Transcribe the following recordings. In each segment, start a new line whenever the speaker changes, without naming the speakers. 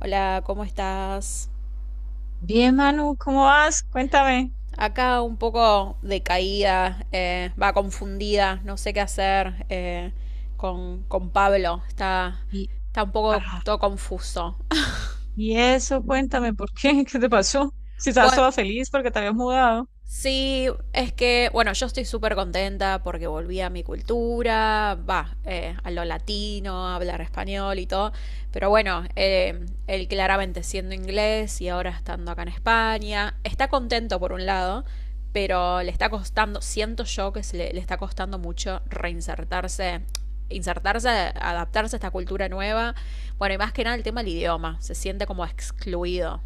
Hola, ¿cómo estás?
Bien, Manu, ¿cómo vas? Cuéntame.
Acá un poco decaída, va confundida, no sé qué hacer, con Pablo.
Y,
Está un poco
ah,
todo confuso.
y eso, cuéntame, ¿por qué? ¿Qué te pasó? Si estabas
Bueno,
toda feliz porque te habías mudado.
sí, es que, bueno, yo estoy súper contenta porque volví a mi cultura, va, a lo latino, a hablar español y todo, pero bueno, él claramente siendo inglés y ahora estando acá en España, está contento por un lado, pero le está costando, siento yo le está costando mucho reinsertarse, insertarse, adaptarse a esta cultura nueva, bueno, y más que nada el tema del idioma, se siente como excluido.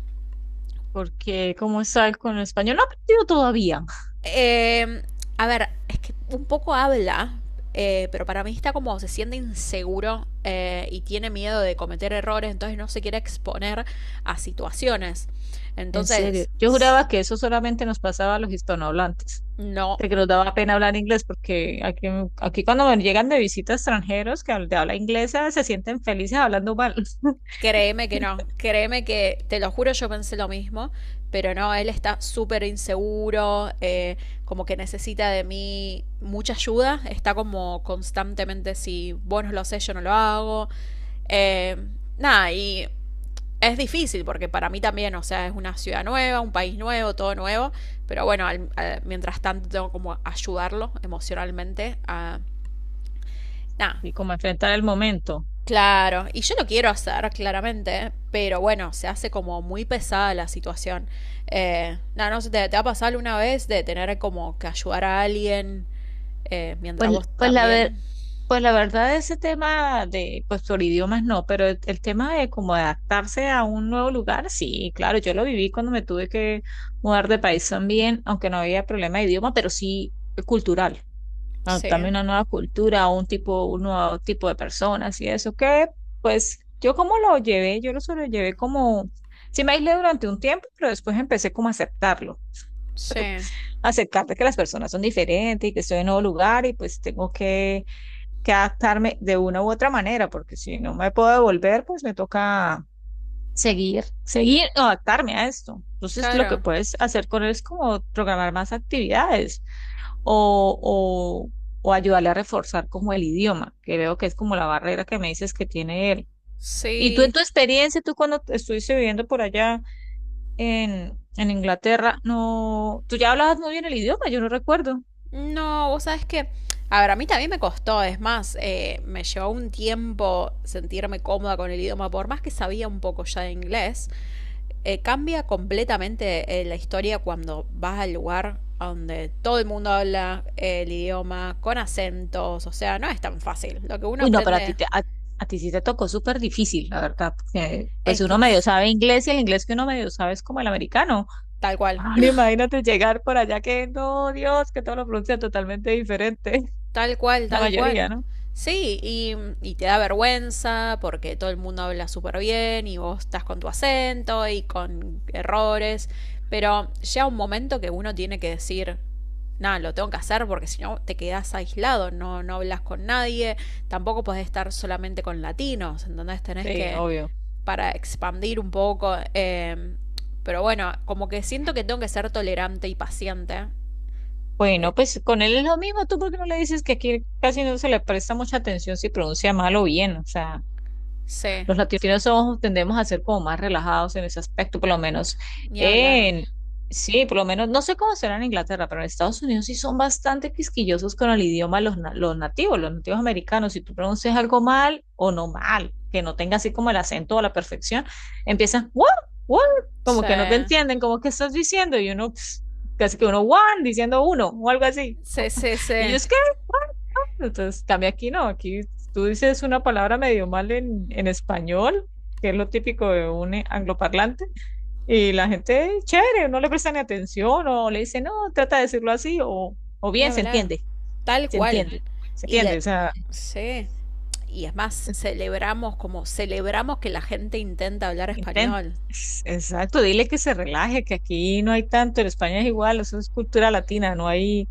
Porque, ¿cómo estás con el español? No he aprendido todavía.
Eh, a ver, es que un poco habla, pero para mí está como se siente inseguro, y tiene miedo de cometer errores, entonces no se quiere exponer a situaciones.
En serio.
Entonces,
Yo juraba que eso solamente nos pasaba a los hispanohablantes.
no,
De que nos daba pena hablar inglés porque aquí cuando me llegan de visita extranjeros de habla inglesa se sienten felices hablando mal.
créeme que no, te lo juro, yo pensé lo mismo, pero no, él está súper inseguro, como que necesita de mí mucha ayuda, está como constantemente, si vos no lo sé, yo no lo hago. Eh, nada, y Es difícil porque para mí también, o sea, es una ciudad nueva, un país nuevo, todo nuevo, pero bueno, mientras tanto tengo como ayudarlo emocionalmente a... Nada,
Y como enfrentar el momento.
claro, y yo lo quiero hacer claramente, pero bueno, se hace como muy pesada la situación. Nada, no sé, te ha pasado alguna vez de tener como que ayudar a alguien, mientras
Pues,
vos
pues la, ver-
también?
Pues la verdad, ese tema de, pues por idiomas no, pero el tema de cómo adaptarse a un nuevo lugar, sí, claro, yo lo viví cuando me tuve que mudar de país también, aunque no había problema de idioma, pero sí cultural, adaptarme
Sí,
a una nueva cultura, a un tipo, un nuevo tipo de personas y eso, que pues yo como lo llevé, yo lo sobrellevé como, sí me aislé durante un tiempo, pero después empecé como a aceptarlo,
sí,
aceptar de que las personas son diferentes y que estoy en un nuevo lugar y pues tengo que adaptarme de una u otra manera, porque si no me puedo devolver, pues me toca seguir, seguir o adaptarme a esto. Entonces, lo que
claro,
puedes hacer con él es como programar más actividades o, o, o ayudarle a reforzar como el idioma, que veo que es como la barrera que me dices que tiene él. Y tú en
sí.
tu experiencia, tú cuando te estuviste viviendo por allá en Inglaterra, no, tú ya hablabas muy bien el idioma, yo no recuerdo.
No, vos sabés que, a ver, a mí también me costó, es más, me llevó un tiempo sentirme cómoda con el idioma, por más que sabía un poco ya de inglés, cambia completamente, la historia cuando vas al lugar donde todo el mundo habla el idioma con acentos, o sea, no es tan fácil. Lo que uno
Uy, no, pero
aprende
a ti sí te tocó súper difícil, la verdad, porque
es
pues
que
uno medio
es
sabe inglés y el inglés que uno medio sabe es como el americano.
tal cual.
Ahora imagínate llegar por allá que, no, Dios, que todo lo pronuncia totalmente diferente,
Tal cual,
la
tal
mayoría,
cual.
¿no?
Sí, y te da vergüenza porque todo el mundo habla súper bien y vos estás con tu acento y con errores, pero llega un momento que uno tiene que decir, nada, lo tengo que hacer porque si no te quedas aislado, no, no hablas con nadie, tampoco podés estar solamente con latinos, entonces tenés
Sí,
que,
obvio.
para expandir un poco, pero bueno, como que siento que tengo que ser tolerante y paciente. Pe-
Bueno, pues con él es lo mismo, ¿tú por qué no le dices que aquí casi no se le presta mucha atención si pronuncia mal o bien? O sea,
Sí,
los latinos somos tendemos a ser como más relajados en ese aspecto, por lo menos
ni hablar.
en, sí, por lo menos, no sé cómo será en Inglaterra, pero en Estados Unidos sí son bastante quisquillosos con el idioma los nativos americanos. Si tú pronuncias algo mal o no mal, que no tenga así como el acento a la perfección, empiezan, what, what, como
Sí,
que no te entienden, como que estás diciendo, y uno, casi que uno, one, diciendo uno, o algo así.
sí, sí,
Y yo,
sí.
es entonces, cambia aquí, no, aquí tú dices una palabra medio mal en español, que es lo típico de un angloparlante, y la gente, chévere, no le presta ni atención o le dice, no, trata de decirlo así, o
Ni
bien, se
hablar.
entiende,
Tal
se
cual.
entiende, se
Y
entiende,
le...
o sea,
Sí. Y es más, celebramos como celebramos que la gente intenta hablar
intenta.
español.
Exacto, dile que se relaje, que aquí no hay tanto, en España es igual, eso es cultura latina, no hay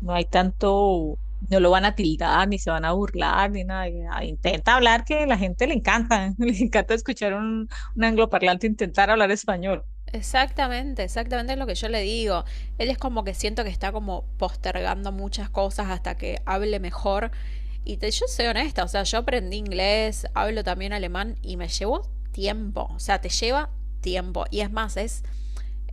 no hay tanto, no lo van a tildar, ni se van a burlar, ni nada. Y, ah, intenta hablar que a la gente le encanta, le encanta escuchar un angloparlante intentar hablar español.
Exactamente, exactamente es lo que yo le digo. Él es como que siento que está como postergando muchas cosas hasta que hable mejor. Yo soy honesta, o sea, yo aprendí inglés, hablo también alemán y me llevó tiempo. O sea, te lleva tiempo. Y es más, es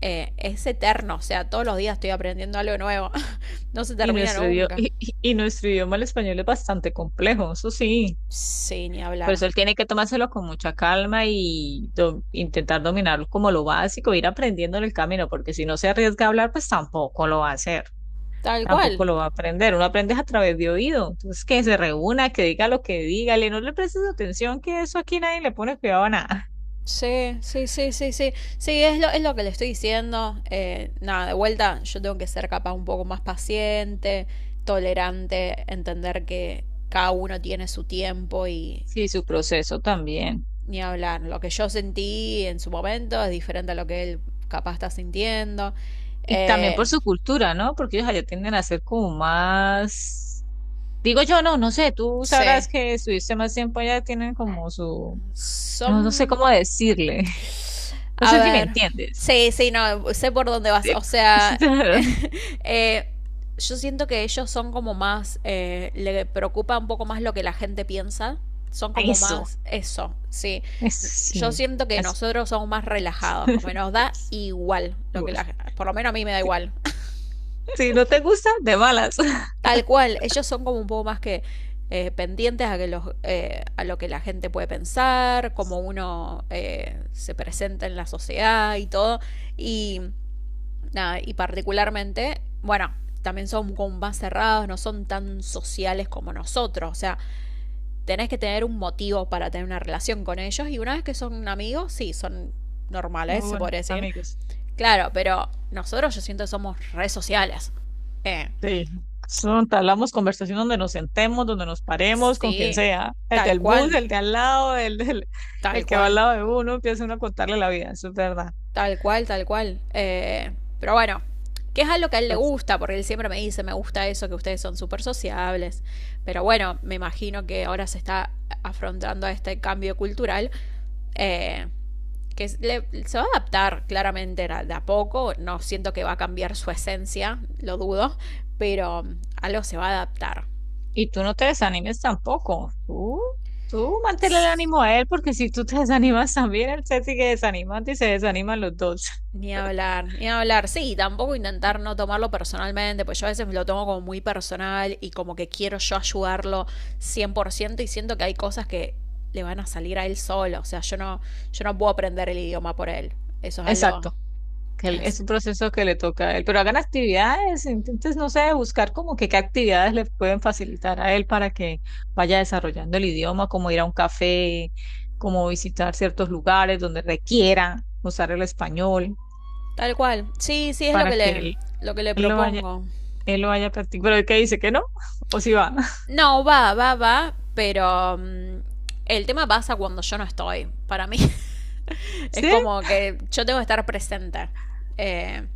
eh, es eterno, o sea, todos los días estoy aprendiendo algo nuevo, no se
Y
termina
nuestro idioma,
nunca.
y nuestro idioma, el español, es bastante complejo, eso sí.
Sí, ni
Por
hablar.
eso él tiene que tomárselo con mucha calma y intentar dominarlo como lo básico, ir aprendiendo en el camino, porque si no se arriesga a hablar, pues tampoco lo va a hacer.
Tal
Tampoco
cual.
lo va a aprender, uno aprende a través de oído. Entonces, que se reúna, que diga lo que diga, le no le prestes atención, que eso aquí nadie le pone cuidado a nada.
Sí, sí, sí, sí, sí. Sí, es lo que le estoy diciendo. Nada, de vuelta, yo tengo que ser capaz un poco más paciente, tolerante, entender que cada uno tiene su tiempo y
Sí, su proceso también.
ni hablar. Lo que yo sentí en su momento es diferente a lo que él capaz está sintiendo.
Y también
Eh,
por su cultura, ¿no? Porque ellos allá tienden a ser como más, digo yo, no, no sé, tú
sí.
sabrás que estuviste más tiempo allá, tienen como su, no, no sé
Son,
cómo decirle, no
a
sé si me
ver.
entiendes.
Sí, sí, no, sé por dónde vas.
Sí.
O
Sí,
sea, eh, yo siento que ellos son como más, le preocupa un poco más lo que la gente piensa. Son
A
como
Eso,
más eso, sí.
eso
Yo
sí.
siento que
Así.
nosotros somos más relajados, como que nos da igual lo que la gente, por lo menos a mí me da igual.
Sí, no te gusta, de malas.
Tal cual, ellos son como un poco más que, pendientes a, a lo que la gente puede pensar, cómo uno, se presenta en la sociedad y todo. Y Nada, y particularmente, bueno, también son como más cerrados, no son tan sociales como nosotros. O sea, tenés que tener un motivo para tener una relación con ellos. Y una vez que son amigos, sí, son normales,
Muy
se
buenos
podría decir.
amigos.
Claro, pero nosotros yo siento que somos redes sociales. Eh,
Sí, son entablamos conversación donde nos sentemos, donde nos paremos, con quien
sí,
sea, el
tal
del bus,
cual,
el de al lado,
tal
el que va al
cual.
lado de uno, empieza uno a contarle la vida, eso es verdad.
Tal cual, tal cual. Pero bueno, que es algo que a él le
Pues,
gusta, porque él siempre me dice, me gusta eso, que ustedes son súper sociables. Pero bueno, me imagino que ahora se está afrontando a este cambio cultural, eh, se va a adaptar claramente de a poco, no siento que va a cambiar su esencia, lo dudo, pero algo se va a adaptar.
y tú no te desanimes tampoco, tú manténle el ánimo a él, porque si tú te desanimas también, él se sigue desanimando y se desaniman los dos.
Ni hablar, ni hablar. Sí, tampoco intentar no tomarlo personalmente, pues yo a veces lo tomo como muy personal y como que quiero yo ayudarlo 100% y siento que hay cosas que le van a salir a él solo, o sea, yo no puedo aprender el idioma por él. Eso es algo
Exacto. que él- es
es-
un proceso que le toca a él, pero hagan actividades, entonces no sé, buscar como que qué actividades le pueden facilitar a él para que vaya desarrollando el idioma, como ir a un café, como visitar ciertos lugares donde requiera usar el español
tal cual. Sí, sí, es
para que él,
lo que le
él lo vaya,
propongo.
él lo vaya practicando. Pero el que dice que no, o si va,
No, va, va, va, pero el tema pasa cuando yo no estoy. Para mí es
¿sí?
como que yo tengo que estar presente. Eh,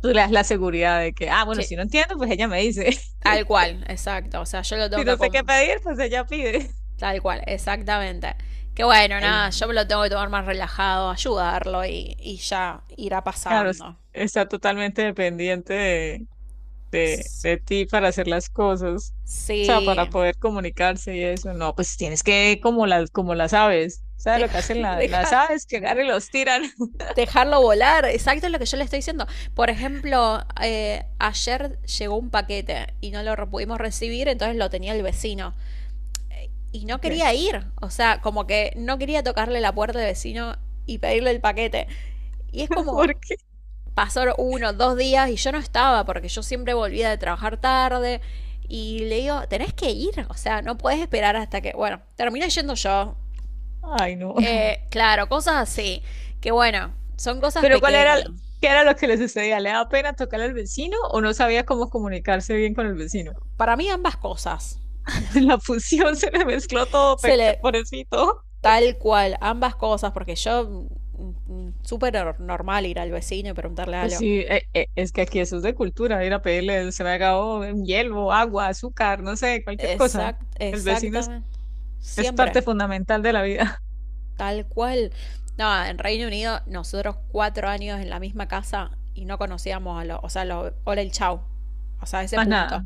Tú le das la seguridad de que, ah, bueno,
que
si no entiendo, pues ella me dice,
Tal cual, exacto. O sea, yo lo tengo
si
que
no sé qué pedir, pues ella pide.
tal cual, exactamente. Que bueno,
Ahí
nada,
no.
yo me lo tengo que tomar más relajado, ayudarlo y ya irá
Claro, es
pasando.
está totalmente dependiente de de,
S-
de ti para hacer las cosas, o sea,
Sí.
para poder comunicarse y eso. No, pues tienes que, como las aves, ¿sabes lo que hacen
Dejar,
las aves? Que agarran y los tiran.
dejarlo volar, exacto es lo que yo le estoy diciendo. Por ejemplo, ayer llegó un paquete y no lo pudimos recibir, entonces lo tenía el vecino. Y no
¿Por qué?
quería ir, o sea, como que no quería tocarle la puerta al vecino y pedirle el paquete. Y es como,
¿Por qué?
pasaron uno, dos días y yo no estaba porque yo siempre volvía de trabajar tarde. Y le digo, tenés que ir, o sea, no puedes esperar hasta que, bueno, terminé yendo yo.
Ay, no.
Claro, cosas así, que bueno, son cosas
Pero ¿cuál era,
pequeñas.
qué era lo que les sucedía? ¿Le daba pena tocar al vecino o no sabía cómo comunicarse bien con el vecino?
Para mí ambas cosas.
En la fusión se le mezcló todo,
Se
peca,
le,
pobrecito.
Tal cual, ambas cosas, porque yo súper normal ir al vecino y preguntarle
Pues
algo.
sí, es que aquí eso es de cultura, ir a pedirle, se me ha acabado un hielo, agua, azúcar, no sé, cualquier cosa.
Exact,
El vecino es
exactamente.
Es
Siempre.
parte fundamental de la vida,
Tal cual. No, en Reino Unido, nosotros 4 años en la misma casa y no conocíamos a los, o sea, los, hola el chau. O sea, ese
más
punto.
nada.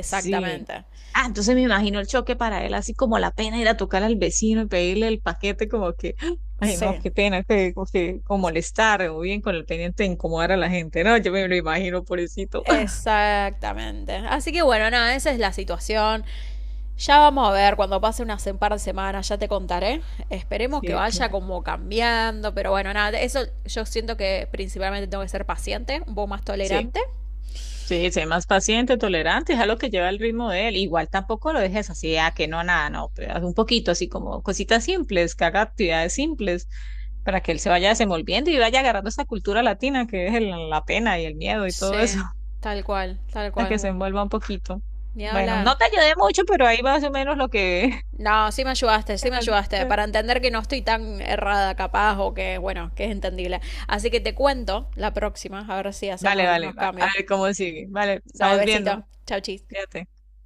Sí. Ah, entonces me imagino el choque para él, así como la pena ir a tocar al vecino y pedirle el paquete, como que, ay,
Sí,
no, qué pena, que, como molestar, o bien con el pendiente de incomodar a la gente, ¿no? Yo me lo imagino, pobrecito.
exactamente. Así que bueno, nada, esa es la situación. Ya vamos a ver cuando pase unas un par de semanas, ya te contaré. Esperemos que
Sí,
vaya
claro.
como cambiando, pero bueno, nada, eso yo siento que principalmente tengo que ser paciente, un poco más
Sí.
tolerante.
Sí, sé más paciente, tolerante, es algo que lleva el ritmo de él. Igual tampoco lo dejes así, a que no, nada, no, pero haz un poquito así como cositas simples, que haga actividades simples para que él se vaya desenvolviendo y vaya agarrando esa cultura latina que es la pena y el miedo y todo eso,
Sí, tal cual, tal
para que se
cual.
envuelva un poquito.
Ni
Bueno,
hablar.
no te ayudé mucho, pero ahí más o menos lo que...
No, sí me ayudaste, para entender que no estoy tan errada capaz o que, bueno, que es entendible. Así que te cuento la próxima, a ver si hacemos
Vale, vale,
algunos
a
cambios.
ver cómo sigue. Vale,
Dale,
estamos viendo,
besito. Chau, chis.
fíjate.